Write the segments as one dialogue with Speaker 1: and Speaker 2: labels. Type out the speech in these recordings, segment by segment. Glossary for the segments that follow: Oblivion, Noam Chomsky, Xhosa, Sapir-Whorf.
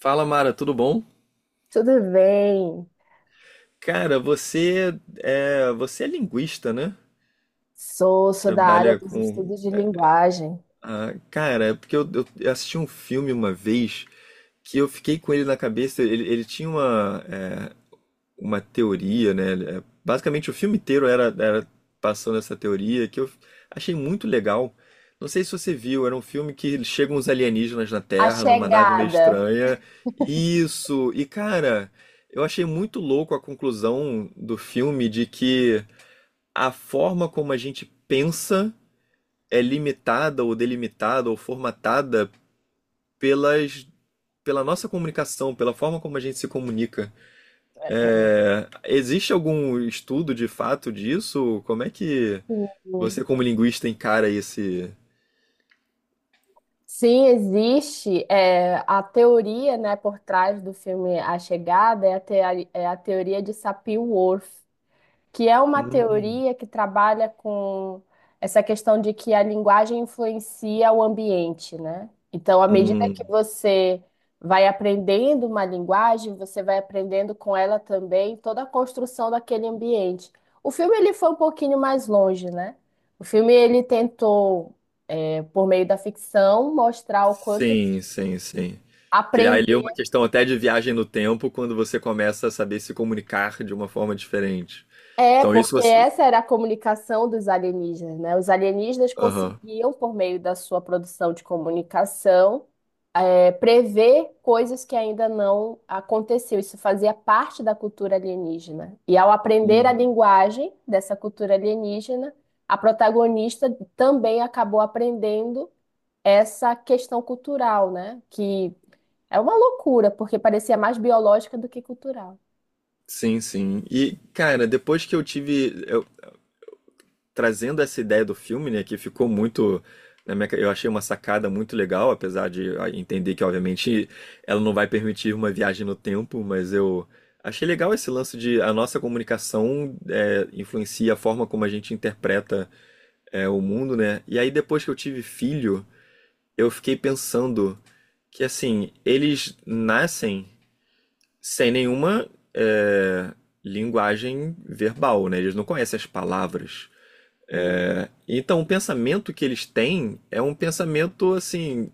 Speaker 1: Fala, Mara, tudo bom?
Speaker 2: Tudo bem?
Speaker 1: Cara, você é linguista, né?
Speaker 2: Sou, sou da área
Speaker 1: Trabalha
Speaker 2: dos
Speaker 1: com.
Speaker 2: estudos de linguagem.
Speaker 1: Ah, cara, é porque eu assisti um filme uma vez que eu fiquei com ele na cabeça. Ele tinha uma teoria, né? Basicamente o filme inteiro era passando essa teoria que eu achei muito legal. Não sei se você viu, era um filme que chegam uns alienígenas na
Speaker 2: A
Speaker 1: Terra, numa nave meio
Speaker 2: chegada.
Speaker 1: estranha. Isso! E cara, eu achei muito louco a conclusão do filme de que a forma como a gente pensa é limitada ou delimitada ou formatada pelas, pela nossa comunicação, pela forma como a gente se comunica.
Speaker 2: É, é.
Speaker 1: Existe algum estudo de fato disso? Como é que
Speaker 2: Sim,
Speaker 1: você, como linguista, encara esse.
Speaker 2: Sim, existe a teoria, né, por trás do filme A Chegada é a, é a teoria de Sapir-Whorf, que é uma
Speaker 1: Hum.
Speaker 2: teoria que trabalha com essa questão de que a linguagem influencia o ambiente, né? Então, à medida que
Speaker 1: Hum.
Speaker 2: você vai aprendendo uma linguagem, você vai aprendendo com ela também toda a construção daquele ambiente. O filme ele foi um pouquinho mais longe, né? O filme ele tentou, por meio da ficção, mostrar o quanto que
Speaker 1: Sim, sim, sim. Criar
Speaker 2: aprender.
Speaker 1: ali uma questão até de viagem no tempo quando você começa a saber se comunicar de uma forma diferente.
Speaker 2: É,
Speaker 1: Então, isso
Speaker 2: porque
Speaker 1: você.
Speaker 2: essa era a comunicação dos alienígenas, né? Os alienígenas
Speaker 1: Aham.
Speaker 2: conseguiam, por meio da sua produção de comunicação, prever coisas que ainda não aconteciam. Isso fazia parte da cultura alienígena. E ao aprender a
Speaker 1: Uhum.
Speaker 2: linguagem dessa cultura alienígena, a protagonista também acabou aprendendo essa questão cultural, né? Que é uma loucura, porque parecia mais biológica do que cultural.
Speaker 1: Sim, sim. E, cara, depois que eu tive. Trazendo essa ideia do filme, né, que ficou muito. Eu achei uma sacada muito legal, apesar de entender que, obviamente, ela não vai permitir uma viagem no tempo, mas eu achei legal esse lance de a nossa comunicação influencia a forma como a gente interpreta o mundo, né? E aí, depois que eu tive filho, eu fiquei pensando que, assim, eles nascem sem nenhuma linguagem verbal, né? Eles não conhecem as palavras.
Speaker 2: Sim.
Speaker 1: Então, o pensamento que eles têm é um pensamento assim,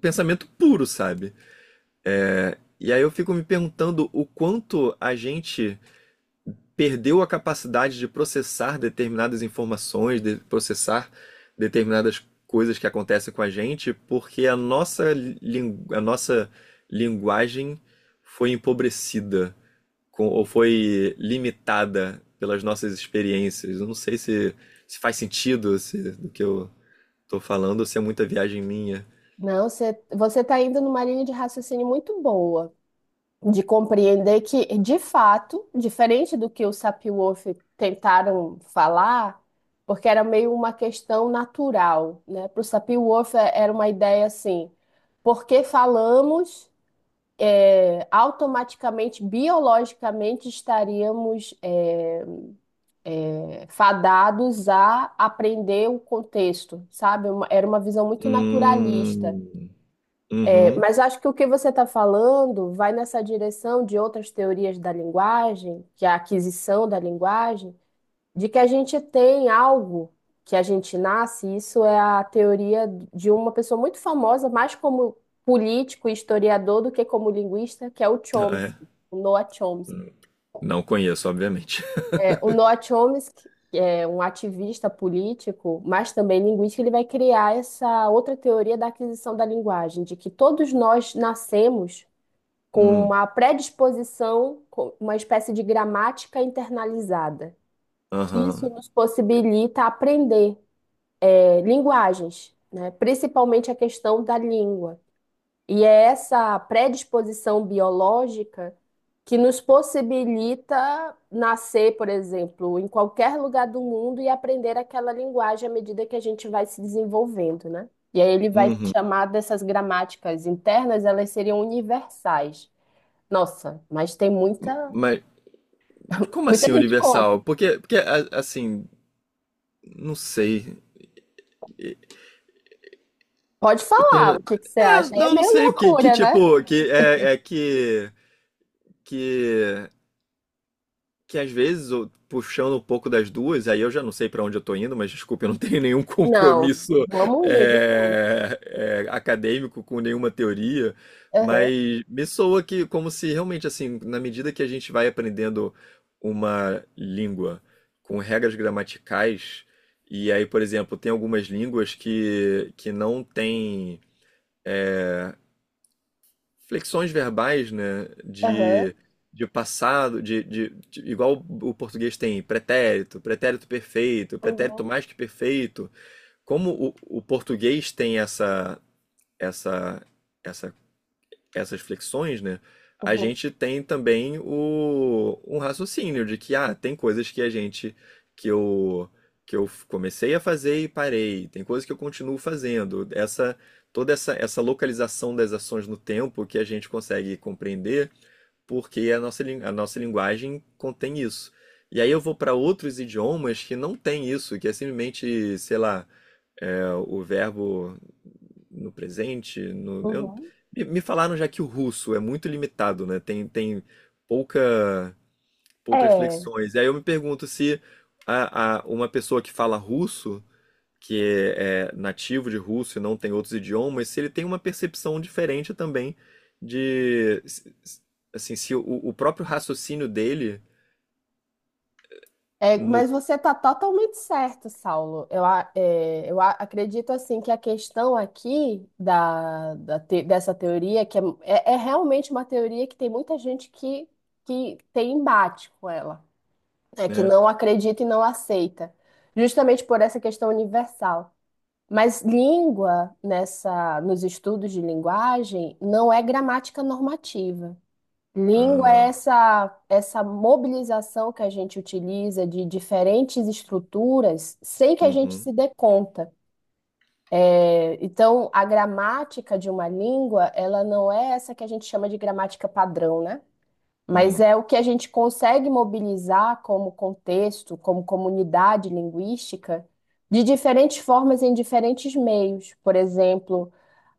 Speaker 1: pensamento puro, sabe? E aí eu fico me perguntando o quanto a gente perdeu a capacidade de processar determinadas informações, de processar determinadas coisas que acontecem com a gente, porque a nossa linguagem foi empobrecida ou foi limitada pelas nossas experiências. Eu não sei se faz sentido se, do que eu tô falando, se é muita viagem minha.
Speaker 2: Não, você está indo numa linha de raciocínio muito boa, de compreender que, de fato, diferente do que o Sapir-Whorf tentaram falar, porque era meio uma questão natural, né? Para o Sapir-Whorf era uma ideia assim, porque falamos, automaticamente, biologicamente, estaríamos fadados a aprender o contexto, sabe? Era uma visão muito naturalista.
Speaker 1: Hum.
Speaker 2: É,
Speaker 1: Uhum.
Speaker 2: mas acho que o que você está falando vai nessa direção de outras teorias da linguagem, que é a aquisição da linguagem, de que a gente tem algo que a gente nasce, isso é a teoria de uma pessoa muito famosa, mais como político e historiador do que como linguista, que é o
Speaker 1: Ah, é.
Speaker 2: Chomsky, o Noam Chomsky.
Speaker 1: Hum. Não conheço, obviamente.
Speaker 2: É, o Noam Chomsky, que é um ativista político, mas também linguístico, ele vai criar essa outra teoria da aquisição da linguagem, de que todos nós nascemos com
Speaker 1: Hum.
Speaker 2: uma predisposição, com uma espécie de gramática internalizada, que isso
Speaker 1: Aham.
Speaker 2: nos possibilita aprender linguagens, né? Principalmente a questão da língua. E é essa predisposição biológica que nos possibilita nascer, por exemplo, em qualquer lugar do mundo e aprender aquela linguagem à medida que a gente vai se desenvolvendo, né? E aí ele vai
Speaker 1: Uhum.
Speaker 2: chamar dessas gramáticas internas, elas seriam universais. Nossa, mas tem
Speaker 1: Mas como
Speaker 2: muita
Speaker 1: assim
Speaker 2: gente contra.
Speaker 1: universal? Porque, assim, não sei.
Speaker 2: Pode
Speaker 1: Eu
Speaker 2: falar
Speaker 1: tenho...
Speaker 2: o que que você
Speaker 1: É,
Speaker 2: acha. É
Speaker 1: não, não
Speaker 2: meio
Speaker 1: sei. Que
Speaker 2: loucura, né?
Speaker 1: tipo, que é que. Que que às vezes, puxando um pouco das duas, aí eu já não sei para onde eu tô indo, mas desculpa, eu não tenho nenhum
Speaker 2: Não,
Speaker 1: compromisso
Speaker 2: vamos indo junto.
Speaker 1: acadêmico com nenhuma teoria,
Speaker 2: Aham,
Speaker 1: mas me soa que como se realmente assim, na medida que a gente vai aprendendo uma língua com regras gramaticais, e aí, por exemplo, tem algumas línguas que não têm flexões verbais, né?
Speaker 2: aham,
Speaker 1: De passado, igual o português tem pretérito, pretérito perfeito, pretérito
Speaker 2: uhum,
Speaker 1: mais que perfeito. Como o português tem essa, essa essas flexões, né? A
Speaker 2: uhum,
Speaker 1: gente tem também um raciocínio de que, tem coisas que a gente, que eu, que eu comecei a fazer e parei, tem coisas que eu continuo fazendo. Toda essa localização das ações no tempo que a gente consegue compreender, porque a nossa linguagem contém isso. E aí eu vou para outros idiomas que não tem isso, que é simplesmente, sei lá, o verbo no presente. no- eu-
Speaker 2: uhum.
Speaker 1: me, me falaram já que o russo é muito limitado, né? Tem pouca, poucas
Speaker 2: É,
Speaker 1: flexões. E aí eu me pergunto se uma pessoa que fala russo, que nativo de russo e não tem outros idiomas, se ele tem uma percepção diferente também de, se- se- assim, se o próprio raciocínio dele no,
Speaker 2: mas você está totalmente certo, Saulo. Eu, a- é, eu a- acredito assim que a questão aqui dessa teoria, que é realmente uma teoria que tem muita gente que tem embate com ela, é que
Speaker 1: né?
Speaker 2: não acredita e não aceita, justamente por essa questão universal. Mas língua, nessa, nos estudos de linguagem, não é gramática normativa. Língua é
Speaker 1: Ah.
Speaker 2: essa, essa mobilização que a gente utiliza de diferentes estruturas sem que a gente
Speaker 1: Uhum.
Speaker 2: se dê conta. É, então, a gramática de uma língua, ela não é essa que a gente chama de gramática padrão, né? Mas
Speaker 1: Hum.
Speaker 2: é o que a gente consegue mobilizar como contexto, como comunidade linguística, de diferentes formas em diferentes meios. Por exemplo,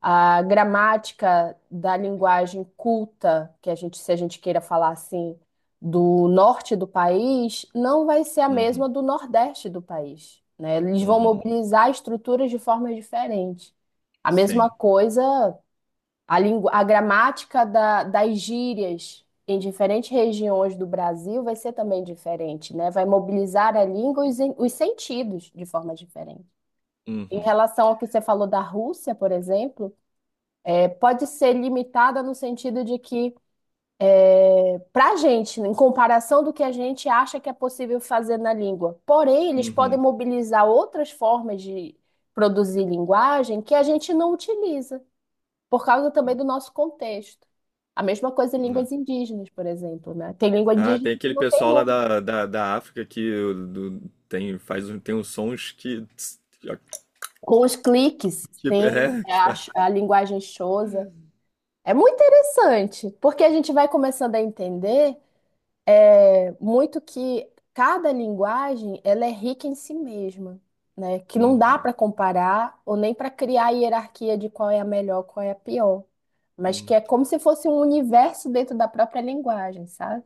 Speaker 2: a gramática da linguagem culta, que a gente, se a gente queira falar assim, do norte do país, não vai ser a
Speaker 1: Uhum.
Speaker 2: mesma do nordeste do país, né? Eles vão
Speaker 1: Uhum.
Speaker 2: mobilizar estruturas de formas diferentes. A mesma
Speaker 1: Sim.
Speaker 2: coisa a, a gramática das gírias em diferentes regiões do Brasil vai ser também diferente, né? Vai mobilizar a língua e os, os sentidos de forma diferente. Em
Speaker 1: Uhum.
Speaker 2: relação ao que você falou da Rússia, por exemplo, pode ser limitada no sentido de que, para a gente, em comparação do que a gente acha que é possível fazer na língua, porém, eles podem
Speaker 1: Uhum.
Speaker 2: mobilizar outras formas de produzir linguagem que a gente não utiliza, por causa também do nosso contexto. A mesma coisa em línguas indígenas, por exemplo, né? Tem língua
Speaker 1: Ah,
Speaker 2: indígena
Speaker 1: tem
Speaker 2: que
Speaker 1: aquele
Speaker 2: não tem
Speaker 1: pessoal lá
Speaker 2: nome.
Speaker 1: da África que do- tem, faz, tem uns sons que.
Speaker 2: Com os cliques,
Speaker 1: Tipo,
Speaker 2: tem
Speaker 1: que fa-
Speaker 2: a linguagem Xhosa. É muito interessante, porque a gente vai começando a entender muito que cada linguagem ela é rica em si mesma, né? Que não dá
Speaker 1: Uhum.
Speaker 2: para comparar ou nem para criar hierarquia de qual é a melhor, qual é a pior, mas que
Speaker 1: Uhum.
Speaker 2: é como se fosse um universo dentro da própria linguagem, sabe?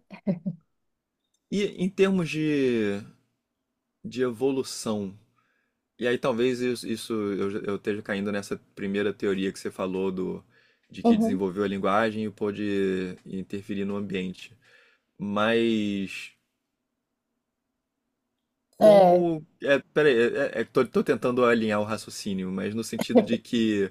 Speaker 1: E em termos de evolução, e aí talvez isso eu esteja caindo nessa primeira teoria que você falou de que
Speaker 2: Uhum.
Speaker 1: desenvolveu a linguagem e pôde interferir no ambiente. Mas
Speaker 2: É.
Speaker 1: como. Peraí, tô tentando alinhar o raciocínio, mas no sentido de que.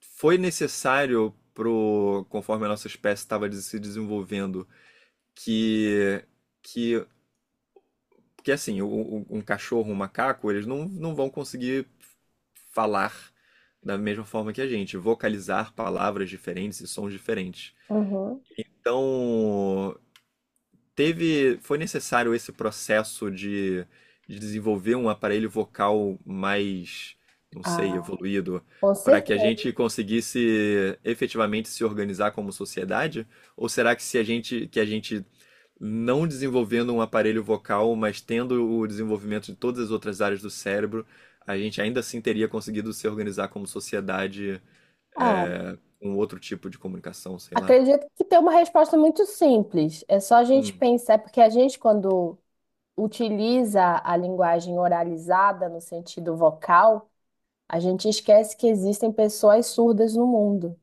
Speaker 1: Foi necessário conforme a nossa espécie estava se desenvolvendo, que que que assim, um cachorro, um macaco, eles não vão conseguir falar da mesma forma que a gente, vocalizar palavras diferentes e sons diferentes.
Speaker 2: Uhum.
Speaker 1: Então, foi necessário esse processo de desenvolver um aparelho vocal mais, não sei,
Speaker 2: Ah,
Speaker 1: evoluído,
Speaker 2: com
Speaker 1: para que a gente
Speaker 2: certeza.
Speaker 1: conseguisse efetivamente se organizar como sociedade? Ou será que se a gente, que a gente não desenvolvendo um aparelho vocal, mas tendo o desenvolvimento de todas as outras áreas do cérebro, a gente ainda assim teria conseguido se organizar como sociedade
Speaker 2: Ah,
Speaker 1: com outro tipo de comunicação, sei lá.
Speaker 2: acredito que tem uma resposta muito simples. É só a gente
Speaker 1: Hum.
Speaker 2: pensar, é porque a gente, quando utiliza a linguagem oralizada no sentido vocal, a gente esquece que existem pessoas surdas no mundo.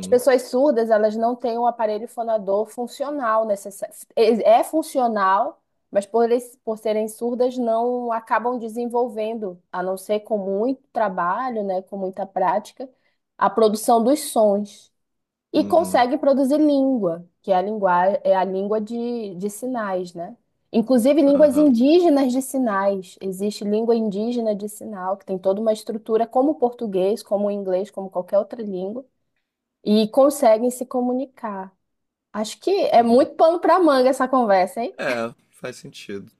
Speaker 2: As pessoas surdas, elas não têm um aparelho fonador funcional necessário. É funcional, mas por, por serem surdas, não acabam desenvolvendo, a não ser com muito trabalho, né, com muita prática, a produção dos sons. E
Speaker 1: Uhum.
Speaker 2: conseguem produzir língua, que é a linguagem, é a língua de sinais, né? Inclusive línguas
Speaker 1: Aham.
Speaker 2: indígenas de sinais. Existe língua indígena de sinal, que tem toda uma estrutura como o português, como o inglês, como qualquer outra língua, e conseguem se comunicar. Acho que é
Speaker 1: Uhum.
Speaker 2: muito pano para manga essa conversa, hein?
Speaker 1: É, faz sentido.